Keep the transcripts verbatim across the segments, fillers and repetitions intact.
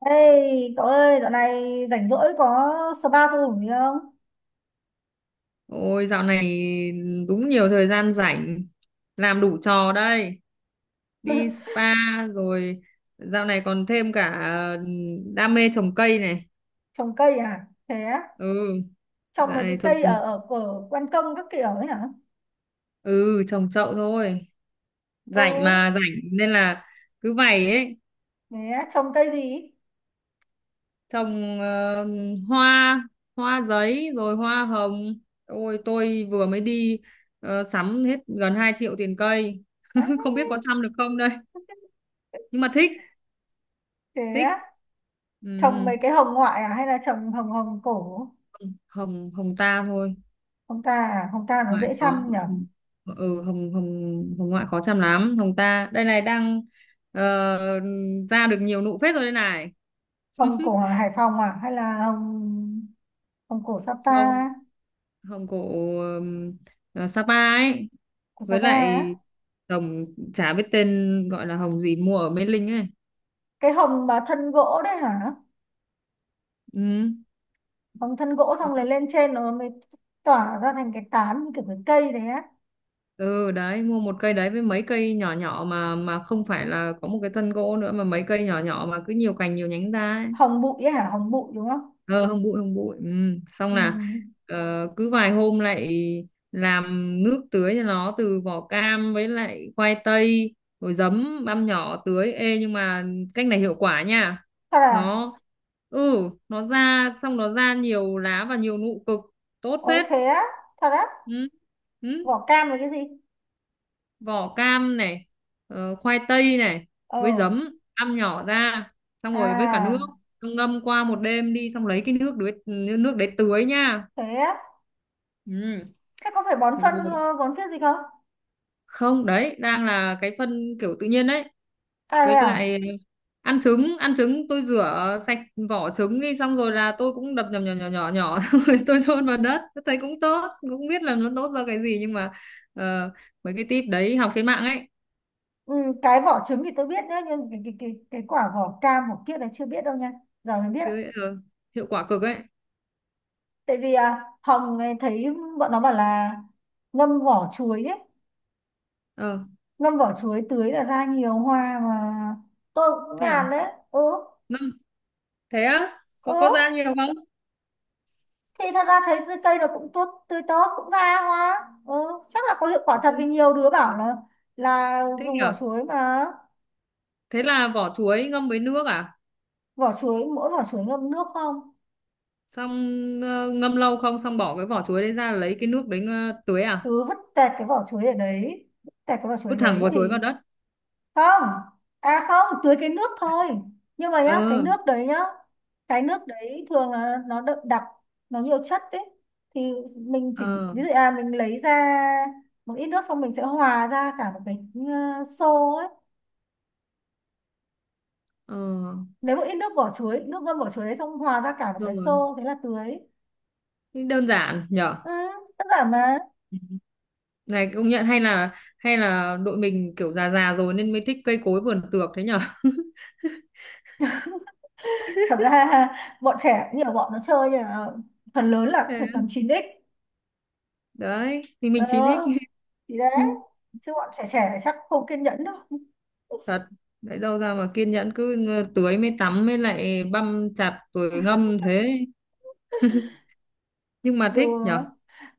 Ê, cậu ơi, dạo này rảnh rỗi có spa sao hủng gì không? Ôi, dạo này đúng nhiều thời gian rảnh, làm đủ trò đây. Đi spa rồi dạo này còn thêm cả ờ, đam mê trồng cây này. Trồng cây à? Thế á? Ừ, Trồng dạo mấy cái này trồng, cây ở ở ở ban công các kiểu ấy hả? ừ, trồng chậu thôi. Ừ, Rảnh mà, rảnh nên là cứ vậy ấy. thế á, trồng cây gì? Trồng ờ, hoa, hoa giấy rồi hoa hồng. Ôi tôi vừa mới đi ờ, sắm hết gần hai triệu tiền cây. Đấy, Không biết có chăm được không đây nhưng mà thích, thế thích. á, Ừ, trồng mấy ừ. cái hồng ngoại à hay là trồng hồng hồng cổ? Hồng, Hồng ta thôi. Hồng ta à? Hồng ta nó Ngoại dễ khó. chăm nhở? Ừ, Hồng Hồng Hồng ngoại khó chăm lắm. Hồng ta đây này, đang ờ, ra được nhiều nụ phết rồi đây này. Hồng cổ ở Hải Phòng à hay là hồng hồng cổ Sapa, Không, Hồng cổ, ừm, ờ, Sapa ấy, của với Sapa lại á? Hồng, chả biết tên gọi là Hồng gì, mua ở Mê Linh ấy. Cái hồng mà thân gỗ đấy hả? Ừ. Bằng thân gỗ Đó. xong rồi lên trên nó mới tỏa ra thành cái tán như kiểu cái cây đấy á. Ừ đấy, mua một cây đấy với mấy cây nhỏ nhỏ mà mà không phải là có một cái thân gỗ nữa, mà mấy cây nhỏ nhỏ mà cứ nhiều cành nhiều nhánh ra ấy. Hồng bụi ấy hả, hồng bụi đúng không? Ờ, không bụi, không bụi. Ừm, xong Ừ. là ờ, cứ vài hôm lại làm nước tưới cho nó từ vỏ cam với lại khoai tây rồi giấm, băm nhỏ tưới. Ê, nhưng mà cách này hiệu quả nha. Thật à? Nó, ừ, nó ra, xong nó ra nhiều lá và nhiều nụ cực, tốt Ôi phết. thế á, thật á? Ừ. Ừ. Vỏ cam là cái gì? Vỏ cam này, ờ, khoai tây này, Ờ, với giấm, ăn nhỏ ra, xong rồi với cả nước. à, Xong ngâm qua một đêm đi, xong lấy cái nước đấy, nước đấy tưới nha. thế á, Ừ. thế có phải bón phân Rồi, ờ, bón phết gì không? không, đấy đang là cái phân kiểu tự nhiên đấy. À thế Với lại à. ờ, ăn trứng, ăn trứng tôi rửa sạch vỏ trứng đi, xong rồi là tôi cũng đập nhỏ nhỏ nhỏ nhỏ nhỏ xong rồi tôi chôn vào đất. Tôi thấy cũng tốt, cũng biết là nó tốt do cái gì, nhưng mà ờ, mấy cái tip đấy học trên mạng ấy. Ừ, cái vỏ trứng thì tôi biết nhá, nhưng cái, cái, cái, cái quả vỏ cam vỏ kia là chưa biết đâu nha, giờ mới biết ạ. Chứ ờ, hiệu quả cực ấy. Tại vì à, Hồng ấy thấy bọn nó bảo là ngâm vỏ chuối ấy, Ờ. ngâm vỏ chuối tưới là ra nhiều hoa mà, tôi cũng Thế à? làm đấy. Ừ, Ngâm, thế á, ừ, có có ra nhiều không? thì thật ra thấy cái cây nó cũng tốt, tươi tốt cũng ra hoa. Ừ, chắc là có hiệu quả Ừ, thật vì nhiều đứa bảo là là thế dùng nhỉ. vỏ chuối mà. Thế là vỏ chuối ngâm với nước à? Vỏ chuối, mỗi vỏ chuối ngâm nước không. Xong ờ, ngâm lâu không, xong bỏ cái vỏ chuối đấy ra lấy cái nước đấy ờ, tưới à? Cứ vứt tẹt cái vỏ chuối ở đấy, vứt tẹt cái vỏ chuối Vứt thẳng đấy vỏ chuối vào thì đất. không. À không, tưới cái nước thôi, nhưng mà nhá, Ờ. cái nước đấy nhá, cái nước đấy thường là nó đậm đặc, nó nhiều chất đấy. Thì mình chỉ Ờ. ví dụ à, mình lấy ra một ít nước xong mình sẽ hòa ra cả một cái ờ, xô ấy. Ờ. Nếu một ít nước vỏ chuối, nước ngâm vỏ chuối đấy xong hòa ra cả một cái Rồi. xô thế là tưới. Thế đơn giản nhở. Ừ, đơn giản mà. Ừ. Này công nhận hay là, hay là đội mình kiểu già già rồi nên mới thích cây cối vườn tược thế nhở. Thật ra bọn trẻ nhiều bọn nó chơi là phần lớn là cũng Thế phải tầm chín x. đấy thì mình chỉ thích. Ờ thì đấy, chứ bọn trẻ trẻ chắc không kiên nhẫn đâu. Thật, lấy đâu ra mà kiên nhẫn, cứ tưới mới tắm mới lại băm chặt rồi ngâm thế. Nhưng mà thích nhở. Đùa.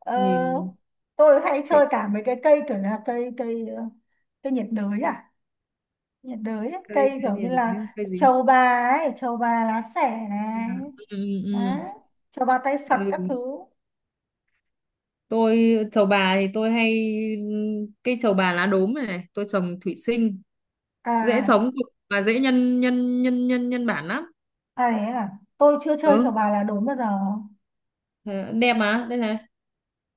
Ờ, Nhìn tôi hay cái chơi cả mấy cái cây kiểu là cây cây ờ, cây nhiệt đới à, nhiệt đới ấy. cây, Cây cái kiểu như nhìn được nhá, là cây dính. trầu bà ấy, trầu bà lá xẻ Ừ, này, ừ, ừ. đấy, trầu bà tay Ừ. Phật các Ừ. thứ. Tôi trầu bà thì tôi hay, cây trầu bà lá đốm này, này tôi trồng thủy sinh dễ À sống cực, mà dễ nhân nhân nhân nhân nhân bản lắm. à, đấy à, tôi chưa chơi trầu Ừ, bà là đúng bao giờ. thế- đẹp mà, đây này,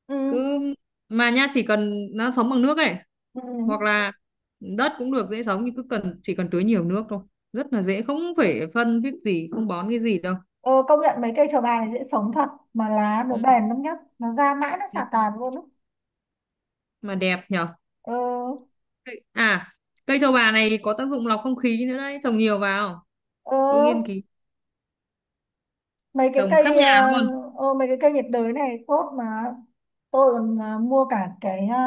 Ừ, cứ mà nha, chỉ cần nó sống bằng nước ấy, ừ. hoặc là đất cũng được. Dễ sống nhưng cứ cần, chỉ cần tưới nhiều nước thôi, rất là dễ, không phải phân viết gì, không bón cái gì đâu. Ờ, công nhận mấy cây trầu bà này dễ sống thật mà lá nó Ừ. bền lắm nhá, nó ra mãi nó chả tàn luôn á. Mà đẹp nhở. Ờ, À, cây trầu bà này có tác dụng lọc không khí nữa đấy, trồng nhiều vào. ờ, Tôi nghiên cứu mấy cái trồng khắp cây nhà luôn. uh, ô, mấy cái cây nhiệt đới này tốt mà. Tôi còn ờ, mua cả cái ờ,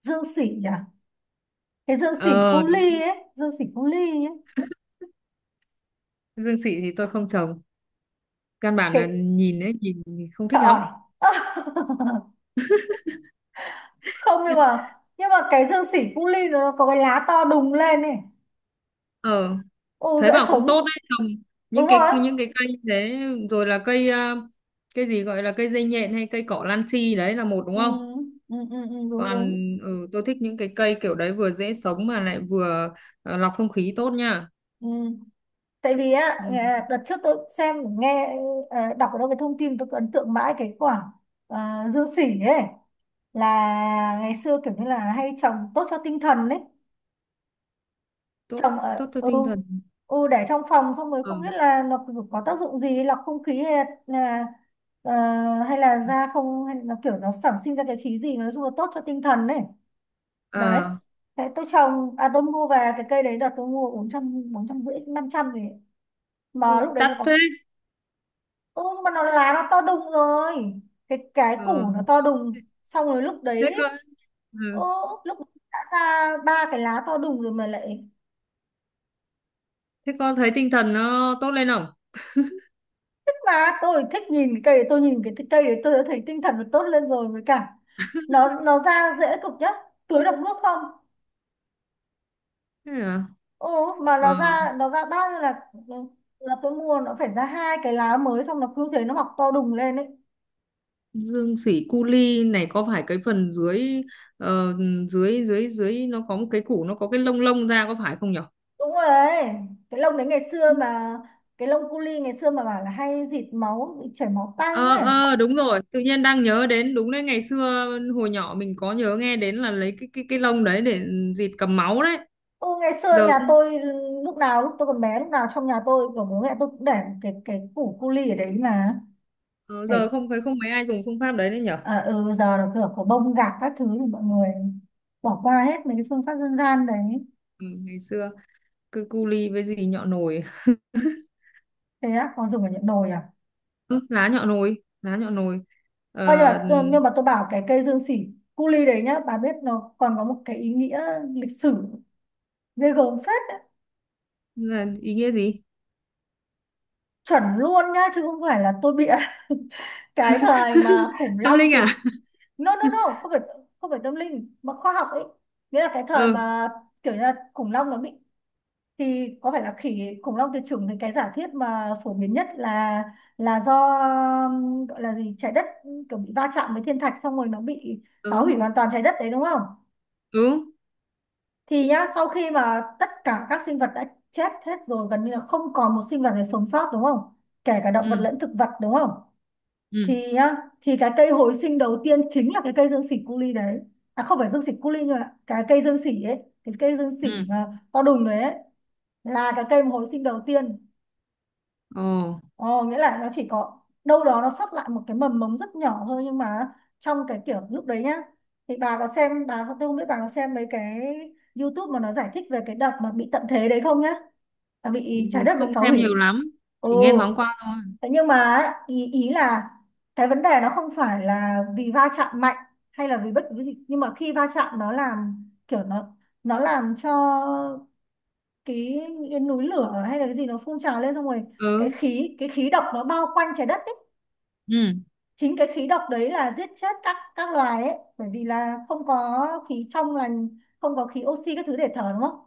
dương xỉ à, cái dương xỉ Ờ, cu đúng. ly ấy, dương xỉ cu ly ấy. Dương xị thì tôi không trồng, căn bản là Cái nhìn ấy, nhìn không sợ thích lắm. à? Không, nhưng mà nhưng mà cái dương xỉ cu ly nó có cái lá to đùng lên này. Ờ, Ô thấy dễ bảo cũng tốt sống. đấy, trồng những Đúng cái, rồi, những cái cây như thế, rồi là cây à, cây gì gọi là cây dây nhện hay cây cỏ lan chi, đấy là một đúng ừ, không? ừ, ừ, ừ, đúng Còn, đúng. ừ, tôi thích những cái cây kiểu đấy, vừa dễ sống mà lại vừa ờ, lọc không khí tốt nha. Ừ. Tại vì á, Ừ, nghe- đợt trước tôi xem nghe ờ, đọc ở đâu cái thông tin tôi cứ ấn tượng mãi cái quả ờ, dương xỉ ấy, là ngày xưa kiểu như là hay trồng tốt cho tinh thần đấy. tốt, Trồng ở, tốt cho ừ, tinh thần. ừ để trong phòng, xong rồi Ừ. không biết là nó có tác dụng gì lọc không khí hay là ờ, hay là ra không, hay là kiểu nó sản sinh ra cái khí gì, nói chung là tốt cho tinh thần đấy. Đấy, À. thế tôi trồng, à tôi mua về cái cây đấy là tôi mua bốn trăm, bốn trăm rưỡi, năm trăm thì, mà lúc đấy Đắt nó thế. có. Ừ, nhưng mà nó lá nó to đùng rồi, cái cái Ờ, củ nó to đùng. Xong rồi lúc thế đấy. cơ. Ừ. Ô, lúc đã ra ba cái lá to đùng rồi mà lại Thế con thấy tinh thần nó tốt lên không? thích, mà tôi thích nhìn cái cây đấy, tôi nhìn cái cây đấy tôi đã thấy tinh thần nó tốt lên rồi, với cả nó nó ra dễ cực nhá, tưới được nước không. Thế à? Ồ, mà Ờ, nó ra nó ra bao nhiêu là. Ừ, là tôi mua nó phải ra hai cái lá mới, xong nó cứ thế nó mọc to đùng lên ấy. dương sỉ cu li này có phải cái phần dưới ờ, dưới dưới dưới nó có một cái củ, nó có cái lông, lông ra, có phải không nhở? Đúng rồi đấy, cái lông đấy ngày xưa mà, cái lông cu li ngày xưa mà bảo là hay dịt máu, bị chảy máu tanh Ờ, ấy. ờ đúng rồi, tự nhiên đang nhớ đến, đúng đấy, ngày xưa hồi nhỏ mình có nhớ nghe đến là lấy cái cái cái lông đấy để dịt cầm máu đấy. Ừ, ngày xưa Giờ nhà tôi, lúc nào, lúc tôi còn bé lúc nào trong nhà tôi của bố mẹ tôi cũng để cái cái củ cu li ở đấy mà ờ, để. giờ không thấy không mấy ai dùng phương pháp đấy đấy nhở. À, ừ, giờ là cửa có bông gạc các thứ thì mọi người bỏ qua hết mấy cái phương pháp dân gian đấy. Ừ, ngày xưa cứ cu li với gì nhọ nồi. Thế á, có dùng ở những đồi à? Ừ, lá nhọ nồi, lá nhọ nồi. ờ, Ơ nhưng mà tôi- nhưng mà tôi bảo cái cây dương xỉ cu li đấy nhá, bà biết nó còn có một cái ý nghĩa lịch sử ghê gớm phết. là ý nghĩa gì? Chuẩn luôn nhá, chứ không phải là tôi bịa. Cái thời mà khủng Tâm long linh tuyệt. à? No no no, không phải, không phải tâm linh mà khoa học ấy. Nghĩa là cái thời Ừ. mà kiểu như là khủng long nó bị, thì có phải là khỉ khủng long tuyệt chủng thì cái giả thuyết mà phổ biến nhất là là do, um, gọi là gì, trái đất kiểu bị va chạm với thiên thạch, xong rồi nó bị phá Ừ. hủy hoàn toàn trái đất đấy đúng không. Ừ. Thì nhá, sau khi mà tất cả các sinh vật đã chết hết rồi, gần như là không còn một sinh vật nào sống sót đúng không, kể cả động vật Ừ. lẫn thực vật đúng không. Ừ. Thì á thì cái cây hồi sinh đầu tiên chính là cái cây dương xỉ cu li đấy. À không phải dương xỉ cu li, nhưng mà cái cây dương xỉ ấy, cái cây dương xỉ Ừ. mà to đùng đấy ấy, là cái cây mà hồi sinh đầu tiên. Ồ. Ồ, nghĩa là nó chỉ có đâu đó nó sót lại một cái mầm mống rất nhỏ thôi, nhưng mà trong cái kiểu lúc đấy nhá, thì bà có xem, bà tôi không biết bà có xem mấy cái YouTube mà nó giải thích về cái đợt mà bị tận thế đấy không nhá, à, bị trái đất bị Không phá xem nhiều hủy. lắm, Ừ. chỉ nghe thoáng qua thôi. Thế nhưng mà ấy, ý ý là cái vấn đề nó không phải là vì va chạm mạnh hay là vì bất cứ cái gì, nhưng mà khi va chạm nó làm kiểu nó nó làm cho cái, cái núi lửa hay là cái gì nó phun trào lên xong rồi cái Ừ. khí cái khí độc nó bao quanh trái đất ấy, Ừ. chính cái khí độc đấy là giết chết các các loài ấy, bởi vì là không có khí trong lành, không có khí oxy các thứ để thở đúng không.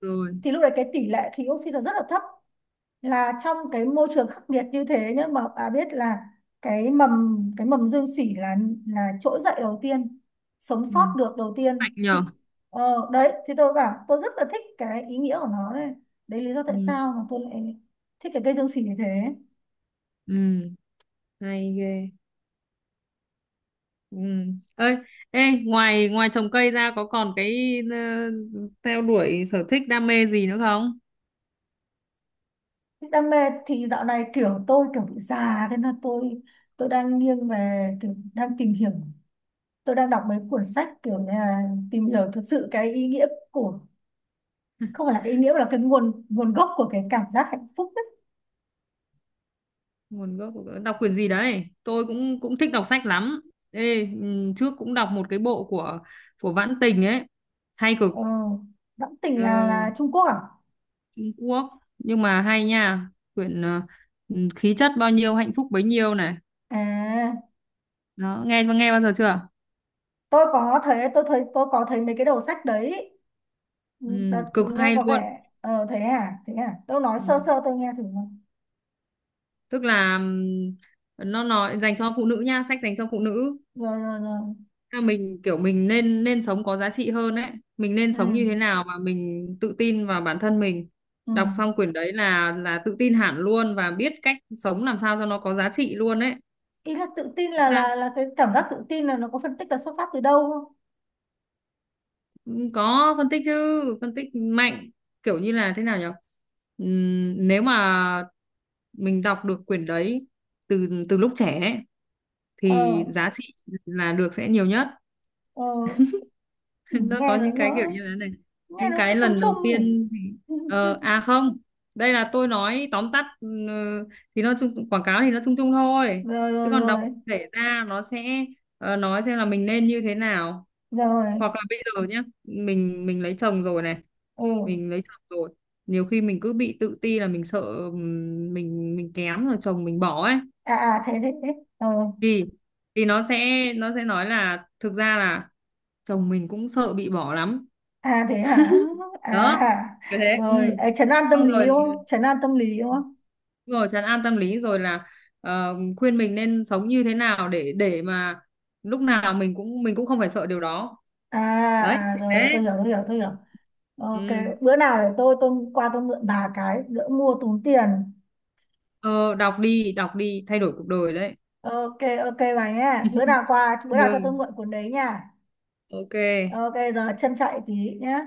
Rồi. Thì lúc đấy cái tỷ lệ khí oxy nó rất là thấp, là trong cái môi trường khắc nghiệt như thế nhá mà bà biết là cái mầm cái mầm dương sỉ là là trỗi dậy đầu tiên, sống Ừ. sót được đầu Mạnh tiên nhở. thì. Ờ, đấy thì tôi bảo tôi rất là thích cái ý nghĩa của nó đấy, đấy lý do Ừ. tại sao mà tôi lại thích cái cây dương sỉ như thế. Ừ. Hay ghê. Ừ. Ơi, ê, ngoài, ngoài trồng cây ra có còn cái ờ, theo đuổi sở thích đam mê gì nữa không? Đam mê thì dạo này kiểu tôi kiểu bị già, thế nên tôi tôi đang nghiêng về kiểu đang tìm hiểu. Tôi đang đọc mấy cuốn sách kiểu như là tìm hiểu thực sự cái ý nghĩa của, không phải là cái ý nghĩa mà là cái nguồn nguồn gốc của cái cảm giác hạnh phúc ấy. Nguồn gốc của- đọc quyển gì đấy? Tôi cũng, cũng thích đọc sách lắm. Ê, ừ, trước cũng đọc một cái bộ của của Vãn Tình ấy, hay cực. Ờ, Đẫm Tình Ờ, là là Trung Quốc à? Trung Quốc nhưng mà hay nha, quyển ờ, ừ, khí chất bao nhiêu hạnh phúc bấy nhiêu này. À, Đó, nghe, nghe bao giờ chưa? tôi có thấy, tôi thấy tôi có thấy mấy cái đầu sách đấy. Ừ, Ừ, Đợt, cực nghe hay có luôn. vẻ, ờ thế à, thế à. Tôi nói Ừ. sơ sơ tôi nghe thử nào. Tức là ừm, nó nói dành cho phụ nữ nha, sách dành cho phụ nữ. Rồi rồi rồi. Là mình kiểu mình nên, nên sống có giá trị hơn đấy. Mình nên Ừ. sống như thế nào mà mình tự tin vào bản thân mình. Ừ. Đọc xong quyển đấy là là tự tin hẳn luôn, và biết cách sống làm sao cho nó có giá trị luôn đấy. Ý là tự tin là Ra, là là cái cảm giác tự tin là nó có phân tích là xuất phát từ đâu không? có phân tích chứ, phân tích mạnh. Kiểu như là thế nào nhỉ, Ừm, nếu mà mình đọc được quyển đấy từ từ lúc trẻ ấy, Ờ thì giá trị là được sẽ nhiều nhất. ờ, ừ, Nó nghe có nó những cái kiểu nó như thế này, nghe những nó cũng cái chung lần đầu chung nhỉ. tiên thì ờ, à không đây là tôi nói tóm tắt, ừ, thì nó chung, quảng cáo thì nó chung chung thôi, Rồi rồi chứ còn đọc rồi thể ra nó sẽ ờ, nói xem là mình nên như thế nào. rồi. Hoặc là bây giờ nhá, mình mình lấy chồng rồi này, Ừ. mình lấy chồng rồi, nhiều khi mình cứ bị tự ti, là mình sợ ừm, mình mình kém rồi chồng mình bỏ ấy. À à, thế thế thế. Ờ. Thì thì nó sẽ, nó sẽ nói là thực ra là chồng mình cũng sợ bị bỏ lắm. À thế hả. Đó, À kiểu thế, ừ. rồi ấy, trấn an tâm Xong lý đúng rồi, không trấn an tâm lý đúng không rồi trấn an tâm lý rồi là ờ, khuyên mình nên sống như thế nào để để mà lúc nào mình cũng, mình cũng không phải sợ điều đó. à Đấy à thì rồi, rồi thế. tôi hiểu, tôi hiểu tôi Ừ. hiểu. Ừ. Ok, bữa nào để tôi tôi qua tôi mượn bà cái đỡ mua tốn tiền. Ờ, đọc đi, đọc đi, thay đổi cuộc đời đấy. Ok. Ok bà nhé, bữa nào qua, bữa nào cho tôi Ừ. mượn cuốn đấy nha. Ok. Ok, giờ chân chạy tí nhé.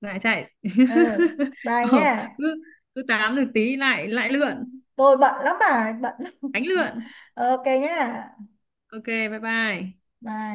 Lại chạy. Ừ, bye nhé. Ờ, cứ, cứ tám được tí lại, lại lượn. Tôi bận lắm, bà bận lắm. Đánh lượn. Ok nhé. Ok, bye bye. Bye.